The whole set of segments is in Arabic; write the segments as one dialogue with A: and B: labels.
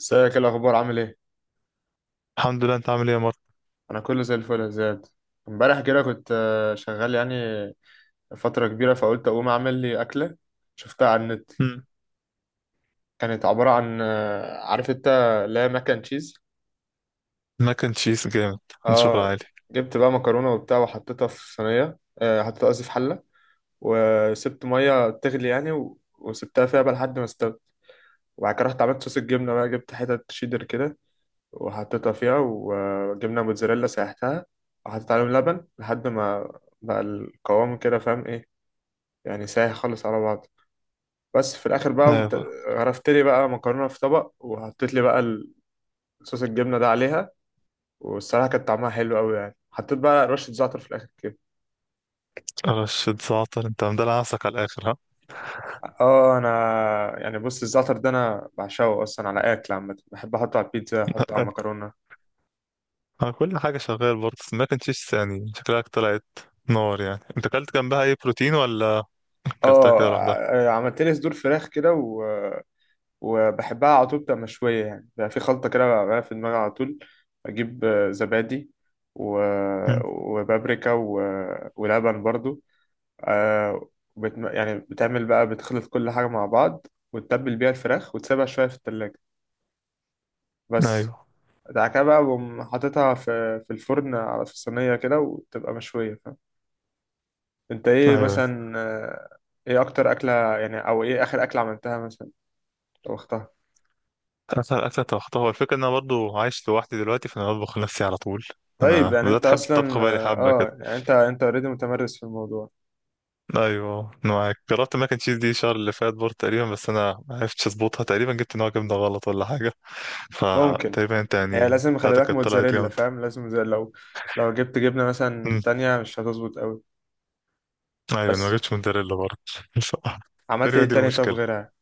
A: ازيك؟ ايه الاخبار؟ عامل ايه؟
B: الحمد لله. انت عامل ايه يا مارك؟
A: انا كله زي الفل يا زياد. امبارح كده كنت شغال يعني فتره كبيره، فقلت اقوم اعمل لي اكله شفتها على النت.
B: مم.
A: كانت عباره عن عارف انت، لا، ماك اند تشيز.
B: ماك اند تشيز جامد. من شغل
A: اه،
B: عالي.
A: جبت بقى مكرونه وبتاع وحطيتها في صينيه، حطيتها قصدي في حله، وسبت ميه تغلي يعني وسبتها فيها بقى لحد ما استوت. وبعد كده رحت عملت صوص الجبنه بقى، جبت حتت شيدر كده وحطيتها فيها، وجبنا موتزاريلا سيحتها وحطيت عليهم لبن لحد ما بقى القوام كده، فاهم ايه؟ يعني سايح خالص على بعض. بس في الاخر بقى قمت
B: ايوه.
A: غرفت لي بقى مكرونه في طبق، وحطيت لي بقى صوص الجبنه ده عليها. والصراحه كان طعمها حلو قوي يعني، حطيت بقى رشه زعتر في الاخر كده.
B: رشة زعتر، انت مدلع نفسك على الاخر ها.
A: اه، انا يعني بص، الزعتر ده انا بعشقه اصلا على اكل عامه، بحب احطه على البيتزا، احطه على المكرونه.
B: ها، كل حاجة شغال برضه، بس ماك اند تشيز يعني شكلك طلعت نار. يعني انت اكلت جنبها اي بروتين ولا اكلتها
A: اه،
B: كده لوحدها؟
A: عملت لي صدور فراخ كده، وبحبها على طول بتبقى مشوية، يعني بقى في خلطة كده بقى في دماغي على طول. أجيب زبادي و...
B: مم.
A: وبابريكا و... ولبن برضو، آه. يعني بتعمل بقى، بتخلط كل حاجة مع بعض وتتبل بيها الفراخ وتسيبها شوية في التلاجة، بس.
B: ايوه،
A: بعد كده بقى بقوم حاططها في الفرن، على في الصينية كده، وتبقى مشوية، فاهم؟ أنت إيه
B: ايوه.
A: مثلا؟ إيه أكتر أكلة يعني، أو إيه آخر أكلة عملتها مثلا، طبختها؟
B: اكتر اكله طبختها، هو الفكره ان انا برضه عايش لوحدي دلوقتي، فانا بطبخ لنفسي على طول.
A: طيب
B: انا
A: يعني
B: بدات
A: انت
B: احب الطبخ
A: اصلا،
B: بقالي حبه كده.
A: اه، يعني انت اوريدي متمرس في الموضوع.
B: ايوه، أنا معاك. جربت ماك اند تشيز دي الشهر اللي فات برضه تقريبا، بس انا ما عرفتش اظبطها، تقريبا جبت نوع جبنه غلط ولا حاجه،
A: ممكن.
B: فتقريبا انت
A: هي
B: يعني
A: لازم خلي
B: بتاعتك
A: بالك
B: كانت طلعت
A: موتزاريلا،
B: جامده.
A: فاهم؟ لازم. زي لو لو جبت جبنه مثلا
B: أمم،
A: تانية مش هتظبط قوي.
B: ايوه انا ما
A: بس
B: جبتش موتزاريلا برضه.
A: عملت ايه
B: تقريبا دي
A: تاني؟ طب
B: المشكله.
A: غيرها؟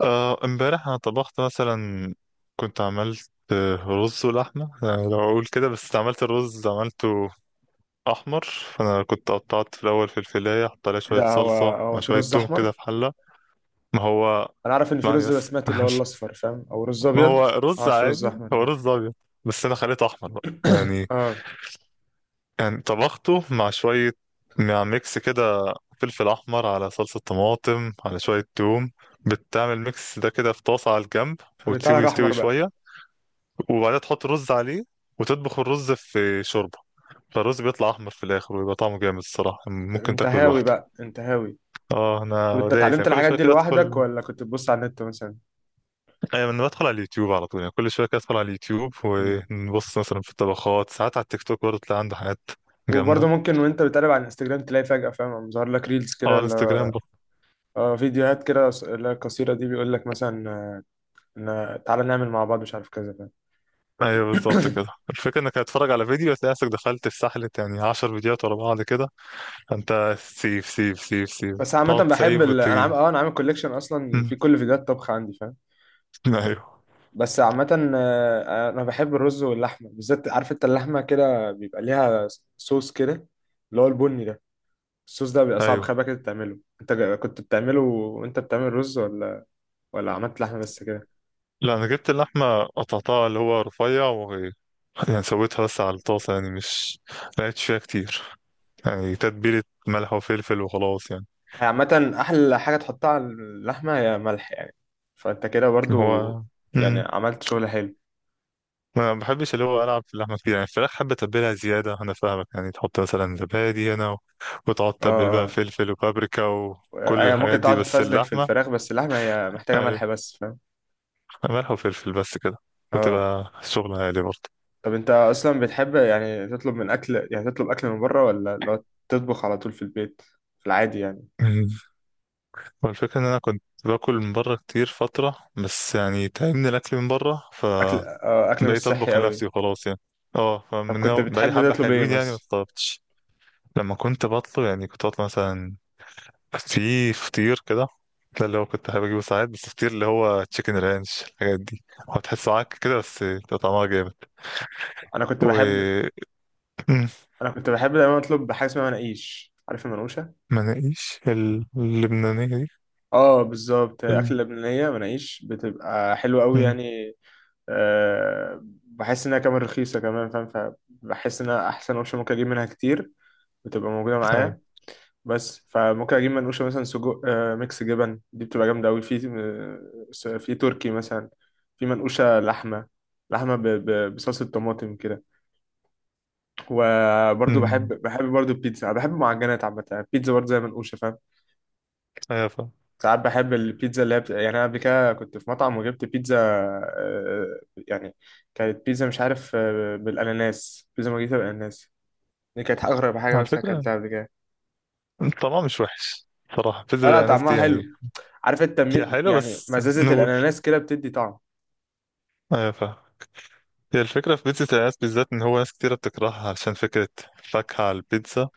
B: امبارح انا طبخت مثلا، كنت عملت رز ولحمه. أنا لو اقول كده، بس عملت الرز عملته احمر. فانا كنت قطعت في الاول في الفلايه، حط عليها
A: ايه
B: شويه
A: ده؟ هو
B: صلصه مع
A: هو في
B: شويه
A: رز
B: توم كده
A: احمر؟
B: في حله. ما هو
A: انا عارف ان في
B: اسمعني
A: رز
B: بس.
A: بسمتي اللي هو الاصفر، فاهم، او رز
B: ما
A: ابيض.
B: هو رز
A: معرفش رز
B: عادي،
A: احمر
B: هو
A: ده.
B: رز ابيض، بس انا خليته احمر بقى يعني.
A: اه.
B: يعني طبخته مع شويه، مع ميكس كده، فلفل احمر على صلصه طماطم على شويه توم. بتعمل ميكس ده كده في طاسه على الجنب،
A: فبيطلع
B: وتسيبه
A: لك احمر
B: يستوي
A: بقى.
B: شويه، وبعدها تحط رز عليه، وتطبخ الرز في شوربه، فالرز بيطلع احمر في الاخر ويبقى طعمه جامد الصراحه، ممكن
A: انت
B: تاكله
A: هاوي
B: لوحده.
A: بقى، انت هاوي.
B: اه
A: طب
B: انا
A: انت
B: دايس يعني،
A: اتعلمت
B: كل
A: الحاجات
B: شويه
A: دي
B: كده
A: لوحدك،
B: ادخل.
A: ولا كنت بتبص على النت مثلا؟
B: ايوه، انا بدخل على اليوتيوب على طول، يعني كل شويه كده ادخل على اليوتيوب ونبص مثلا في الطبخات، ساعات على التيك توك برضه تلاقي عنده حاجات
A: وبرضه
B: جامده.
A: ممكن وانت بتقلب على الانستجرام تلاقي فجأة، فاهم، ظهر لك ريلز
B: اه
A: كده
B: الانستجرام برضه.
A: اه، فيديوهات كده، اللي هي القصيرة دي، بيقول لك مثلا، ان تعالى نعمل مع بعض مش عارف كذا، فاهم.
B: ايوه بالظبط كده، الفكره انك هتتفرج على فيديو، هتلاقي نفسك دخلت في سحله، يعني 10 فيديوهات ورا بعض كده، فانت سيف سيف سيف سيف،
A: بس عامة
B: تقعد
A: بحب
B: سيف
A: انا عامل
B: وتيجي.
A: اه، انا عامل كوليكشن اصلا
B: مم.
A: في كل فيديوهات طبخ عندي، فاهم. ب-
B: ايوه.
A: بس عامة، انا بحب الرز واللحمة بالذات، عارف انت، اللحمة كده بيبقى ليها صوص كده اللي هو البني ده. الصوص ده بيبقى صعب
B: ايوه.
A: خبأ كده تعمله. انت كنت بتعمله وانت بتعمل رز، ولا ولا عملت لحمة بس كده؟
B: لا، انا جبت اللحمه قطعتها اللي هو رفيع، و يعني سويتها بس على الطاسه، يعني مش، ما لقيتش فيها كتير يعني، تتبيله ملح وفلفل وخلاص يعني.
A: هي عامة أحلى حاجة تحطها على اللحمة هي ملح يعني. فأنت كده
B: اللي
A: برضو
B: هو،
A: يعني عملت شغل حلو.
B: ما بحبش اللي هو العب في اللحمه كتير، يعني الفراخ حابه تتبلها زياده، انا فاهمك، يعني تحط مثلا زبادي هنا و... وتقعد تتبل بقى
A: اه
B: فلفل وبابريكا
A: اه،
B: وكل
A: هي ممكن
B: الحاجات دي،
A: تقعد
B: بس
A: تتفزلك في
B: اللحمه.
A: الفراخ، بس اللحمة هي محتاجة
B: ايوه،
A: ملح بس، فاهم.
B: ملح وفلفل بس كده،
A: اه.
B: وتبقى شغلة عالي برضه.
A: طب أنت أصلا بتحب يعني تطلب من أكل، يعني تطلب أكل من بره، ولا لو تطبخ على طول في البيت في العادي يعني؟
B: أمم. والفكرة إن أنا كنت باكل من بره كتير فترة، بس يعني تعبني الأكل من بره،
A: أكل اه، أكل مش
B: فبقيت
A: صحي
B: أطبخ
A: أوي.
B: لنفسي وخلاص يعني. اه
A: طب
B: فمن
A: كنت
B: هو بقالي
A: بتحب
B: حبة
A: تطلب إيه
B: حلوين، يعني ما
A: مثلا؟
B: طلبتش. لما كنت بطلب، يعني كنت بطلب مثلا في فطير كده، ده اللي هو كنت حابب اجيبه ساعات، بس فطير اللي هو تشيكن رانش الحاجات دي، هو تحسه عك كده، بس بيبقى طعمها جامد.
A: أنا كنت
B: و
A: بحب
B: مم،
A: أنا كنت بحب دايما أطلب حاجة اسمها مناقيش، عارف المنقوشة؟
B: مناقيش اللبنانية دي.
A: اه بالظبط،
B: ال-
A: اكل لبنانيه، مناقيش بتبقى حلوه قوي
B: مم،
A: يعني. أه بحس انها كمان رخيصه كمان، فاهم، فبحس انها احسن اوبشن ممكن اجيب منها كتير، بتبقى موجوده
B: ايوه.
A: معايا بس. فممكن اجيب منقوشه مثلا سجق، أه، ميكس جبن، دي بتبقى جامده قوي، في في تركي مثلا، في منقوشه لحمه، لحمه بصلصه طماطم كده. وبرضه
B: مم،
A: بحب برضه البيتزا، أنا بحب المعجنات عامه، البيتزا برضه زي منقوشه، فاهم؟
B: ايوه فاهم.
A: ساعات بحب البيتزا اللي هي يعني انا قبل كده كنت في مطعم وجبت بيتزا، يعني كانت بيتزا مش عارف، بالاناناس، بيتزا مارجريتا بالاناناس. دي كانت اغرب حاجه
B: على
A: مثلا
B: فكرة،
A: اكلتها قبل كده.
B: طعمها مش وحش صراحة. بيتزا
A: لا لا،
B: الأناناس دي
A: طعمها
B: يعني
A: حلو، عارف انت،
B: هي حلوة
A: يعني
B: بس
A: مزازه
B: نقول،
A: الاناناس كده بتدي طعم.
B: ايوه فاهم. هي الفكرة في بيتزا الأناناس بالذات، إن هو ناس كتيرة بتكرهها عشان فكرة فاكهة على البيتزا،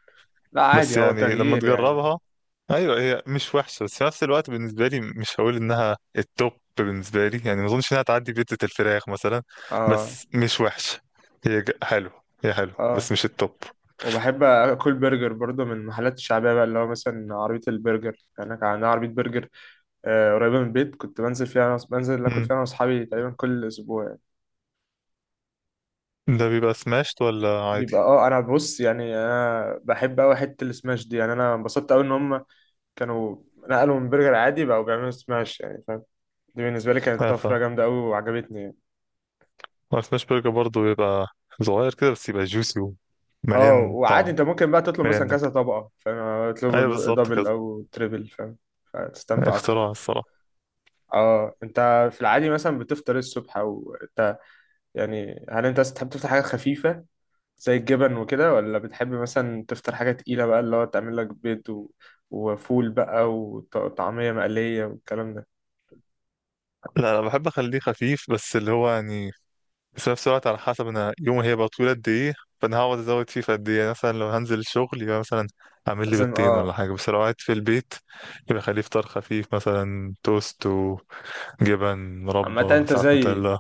A: لا
B: بس
A: عادي، هو
B: يعني لما
A: تغيير يعني.
B: تجربها. ايوه هي مش وحشه، بس في نفس الوقت بالنسبه لي مش هقول انها التوب بالنسبه لي، يعني ما اظنش انها تعدي بيتزا الفراخ مثلا،
A: اه
B: بس مش وحشه. هي حلو، هي حلو
A: اه.
B: بس مش التوب.
A: وبحب اكل برجر برضه من المحلات الشعبيه بقى، اللي هو مثلا عربيه البرجر، يعني كان عندنا عربيه برجر قريبه من البيت، كنت بنزل فيها أنا بنزل اكل فيها
B: مم.
A: انا واصحابي تقريبا كل اسبوع.
B: ده بيبقى سماشت ولا عادي؟
A: بيبقى اه، انا بص يعني، انا بحب قوي حته السماش دي، يعني انا انبسطت قوي ان هم كانوا نقلوا من برجر عادي بقوا بيعملوا سماش، يعني فاهم، دي بالنسبه لي كانت
B: اه ف
A: طفره جامده قوي وعجبتني يعني.
B: سماش برجر برضه بيبقى صغير كده، بس يبقى جوسي
A: اه
B: ومليان
A: وعادي
B: طعم،
A: انت ممكن بقى تطلب
B: مليان
A: مثلا
B: نكهه.
A: كذا طبقه، فاهم، اطلب
B: ايوه بالظبط كده،
A: دبل او تريبل، فاهم، فتستمتع اكتر.
B: اختراع الصراحه.
A: اه. انت في العادي مثلا بتفطر إيه الصبح، او انت يعني هل انت تحب تفطر حاجه خفيفه زي الجبن وكده، ولا بتحب مثلا تفطر حاجة تقيلة بقى اللي هو تعمل لك بيض و... وفول بقى وطعمية مقلية والكلام ده؟
B: لا، انا بحب اخليه خفيف، بس اللي هو يعني، بس في نفس الوقت على حسب انا يومي هيبقى طويل قد ايه، فانا هقعد ازود فيه في قد ايه، يعني مثلا لو هنزل الشغل يبقى مثلا اعمل لي
A: لازم،
B: بيضتين ولا
A: اه.
B: حاجه، بس لو قاعد في البيت يبقى خليه فطار خفيف، مثلا توست وجبن، مربى،
A: عامة انت
B: ساعات
A: زيي،
B: نوتيلا.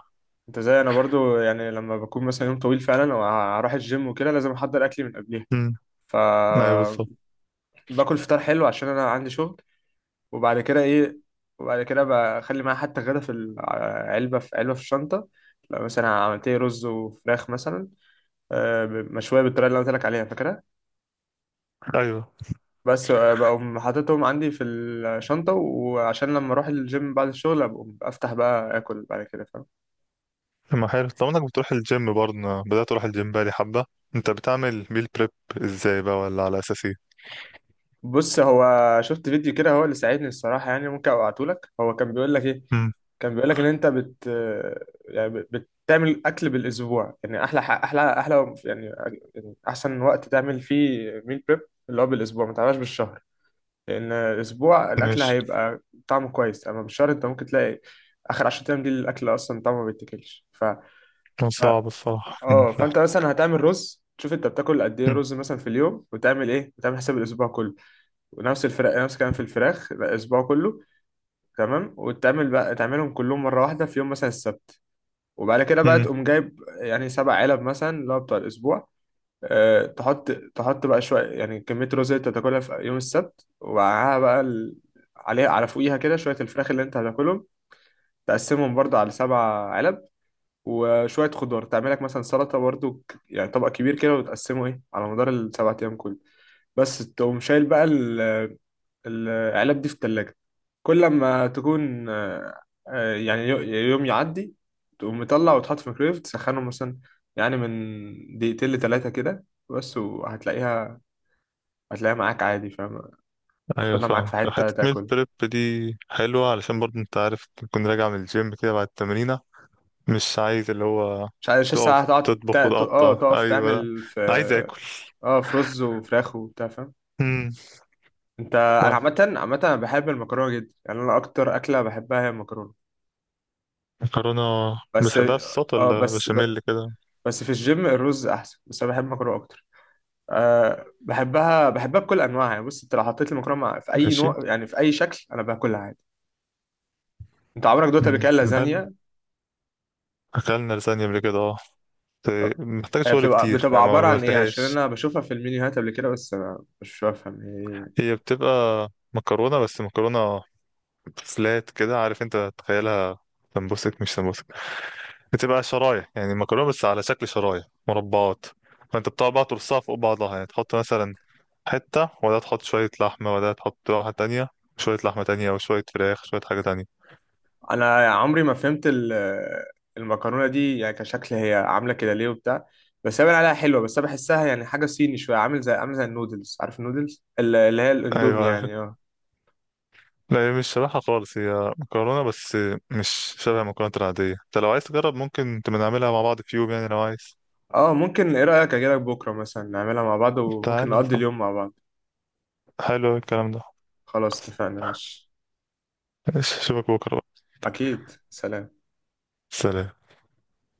A: انت زي انا برضو، يعني لما بكون مثلا يوم طويل فعلا واروح الجيم وكده لازم احضر اكلي من قبلها.
B: امم
A: ف
B: ايوه بالظبط.
A: باكل فطار حلو عشان انا عندي شغل. وبعد كده ايه، وبعد كده بخلي معايا حتى غدا في العلبة، في علبة في الشنطة. لو مثلا عملت لي رز وفراخ مثلا مشوية بالطريقة اللي أنا قلت لك عليها، فاكرها.
B: ايوه
A: بس بقوم حاططهم عندي في الشنطة، وعشان لما أروح الجيم بعد الشغل أبقى أفتح بقى آكل بعد كده، فاهم.
B: ما حلو طب انك بتروح الجيم برضه، أنا بدات اروح الجيم بقالي حبه. انت بتعمل ميل بريب ازاي بقى، ولا على اساس ايه؟
A: بص، هو شفت فيديو كده هو اللي ساعدني الصراحة يعني، ممكن أبعتهولك، هو كان بيقول لك إيه،
B: امم
A: كان بيقول لك إن أنت بتعمل أكل بالأسبوع، يعني أحلى ح- أحلى أحلى يعني، يعني أحسن وقت تعمل فيه ميل بريب اللي هو بالأسبوع، ما تعملهاش بالشهر. لأن الأسبوع الأكل
B: ماشي.
A: هيبقى طعمه كويس، أما بالشهر أنت ممكن تلاقي آخر 10 أيام دي الأكل أصلا طعمه ما بيتاكلش. ف
B: كان صعب الصراحه،
A: اه،
B: صح.
A: فانت مثلا هتعمل رز، تشوف انت بتاكل قد ايه رز مثلا في اليوم، وتعمل ايه، وتعمل حساب الاسبوع كله. ونفس الفراخ، نفس الكلام في الفراخ الاسبوع كله، تمام. وتعمل بقى تعملهم كلهم مره واحده في يوم مثلا السبت، وبعد كده بقى
B: أمم.
A: تقوم جايب يعني سبع علب مثلا اللي هو بتاع الاسبوع. أه، تحط بقى شويه، يعني كميه الرز اللي انت هتاكلها في يوم السبت، ومعاها بقى عليها على فوقيها كده شويه الفراخ اللي انت هتاكلهم. تقسمهم برضه على سبع علب. وشوية خضار تعمل لك مثلا سلطة برضو، يعني طبق كبير كده وتقسمه ايه على مدار السبع أيام كله. بس تقوم شايل بقى العلب دي في التلاجة. كل لما تكون يعني يوم يعدي تقوم مطلع وتحط في الميكرويف تسخنه مثلا يعني من دقيقتين لتلاتة كده بس، وهتلاقيها معاك عادي، فاهم،
B: ايوه
A: تاخدها معاك
B: فاهمك،
A: في حتة
B: حته ميل
A: تاكل.
B: بريب دي حلوه، علشان برضه انت عارف تكون راجع من الجيم كده بعد التمرينه، مش عايز اللي هو
A: مش عارف، مش لسه
B: تقف
A: هتقعد
B: تطبخ
A: اه
B: وتقطع،
A: تقف
B: ايوه، لا أنا
A: تعمل في
B: عايز اكل.
A: اه في رز وفراخ وبتاع، فاهم.
B: امم
A: انت انا
B: لا
A: عامه انا بحب المكرونه جدا يعني، انا اكتر اكله بحبها هي المكرونه
B: مكرونه.
A: بس.
B: بتحبها في الصوت
A: اه
B: ولا
A: بس،
B: بشاميل كده؟
A: بس في الجيم الرز احسن، بس انا بحب المكرونه اكتر. أه بحبها بكل انواعها يعني، بص انت لو حطيت لي في اي
B: ماشي.
A: نوع يعني في اي شكل، انا باكلها عادي. انت عمرك دوت قبل
B: مم.
A: كده
B: حلو،
A: لازانيا؟
B: اكلنا لازانيا قبل كده اه، بس
A: طب
B: محتاج
A: هي
B: شغل
A: بتبقى
B: كتير
A: بتبقى
B: يعني ما
A: عباره عن ايه؟ عشان
B: عملتهاش.
A: انا بشوفها في المنيوهات قبل كده بس انا مش بفهم هي إيه.
B: هي بتبقى مكرونه، بس مكرونه فلات كده، عارف انت تخيلها، سمبوسك مش سمبوسك، بتبقى شرايح، يعني مكرونه بس على شكل شرايح مربعات. فانت بتقعد بقى ترصها فوق بعضها، يعني تحط مثلا حته، وده تحط شويه لحمه، وده تحط واحده تانية، شويه لحمه تانية، وشويه فراخ، شويه حاجه تانية.
A: انا عمري ما فهمت المكرونه دي يعني كشكل، هي عامله كده ليه وبتاع، بس هي باين عليها حلوه، بس انا بحسها يعني حاجه صيني شويه، عامل زي، عامل زي النودلز، عارف النودلز اللي هي الاندومي
B: ايوه.
A: يعني. اه
B: لا هي مش شبهها خالص، هي مكرونه بس مش شبه المكرونه العاديه. انت لو عايز تجرب، ممكن تبقى نعملها مع بعض في يوم، يعني لو عايز.
A: اه، ممكن. ايه رايك اجي لك بكره مثلا نعملها مع بعض وممكن
B: تعالى
A: نقضي
B: صح،
A: اليوم مع بعض؟
B: حلو الكلام ده.
A: خلاص، اتفقنا، ماشي.
B: ماشي، اشوفك بكره بقى.
A: اكيد، سلام.
B: سلام.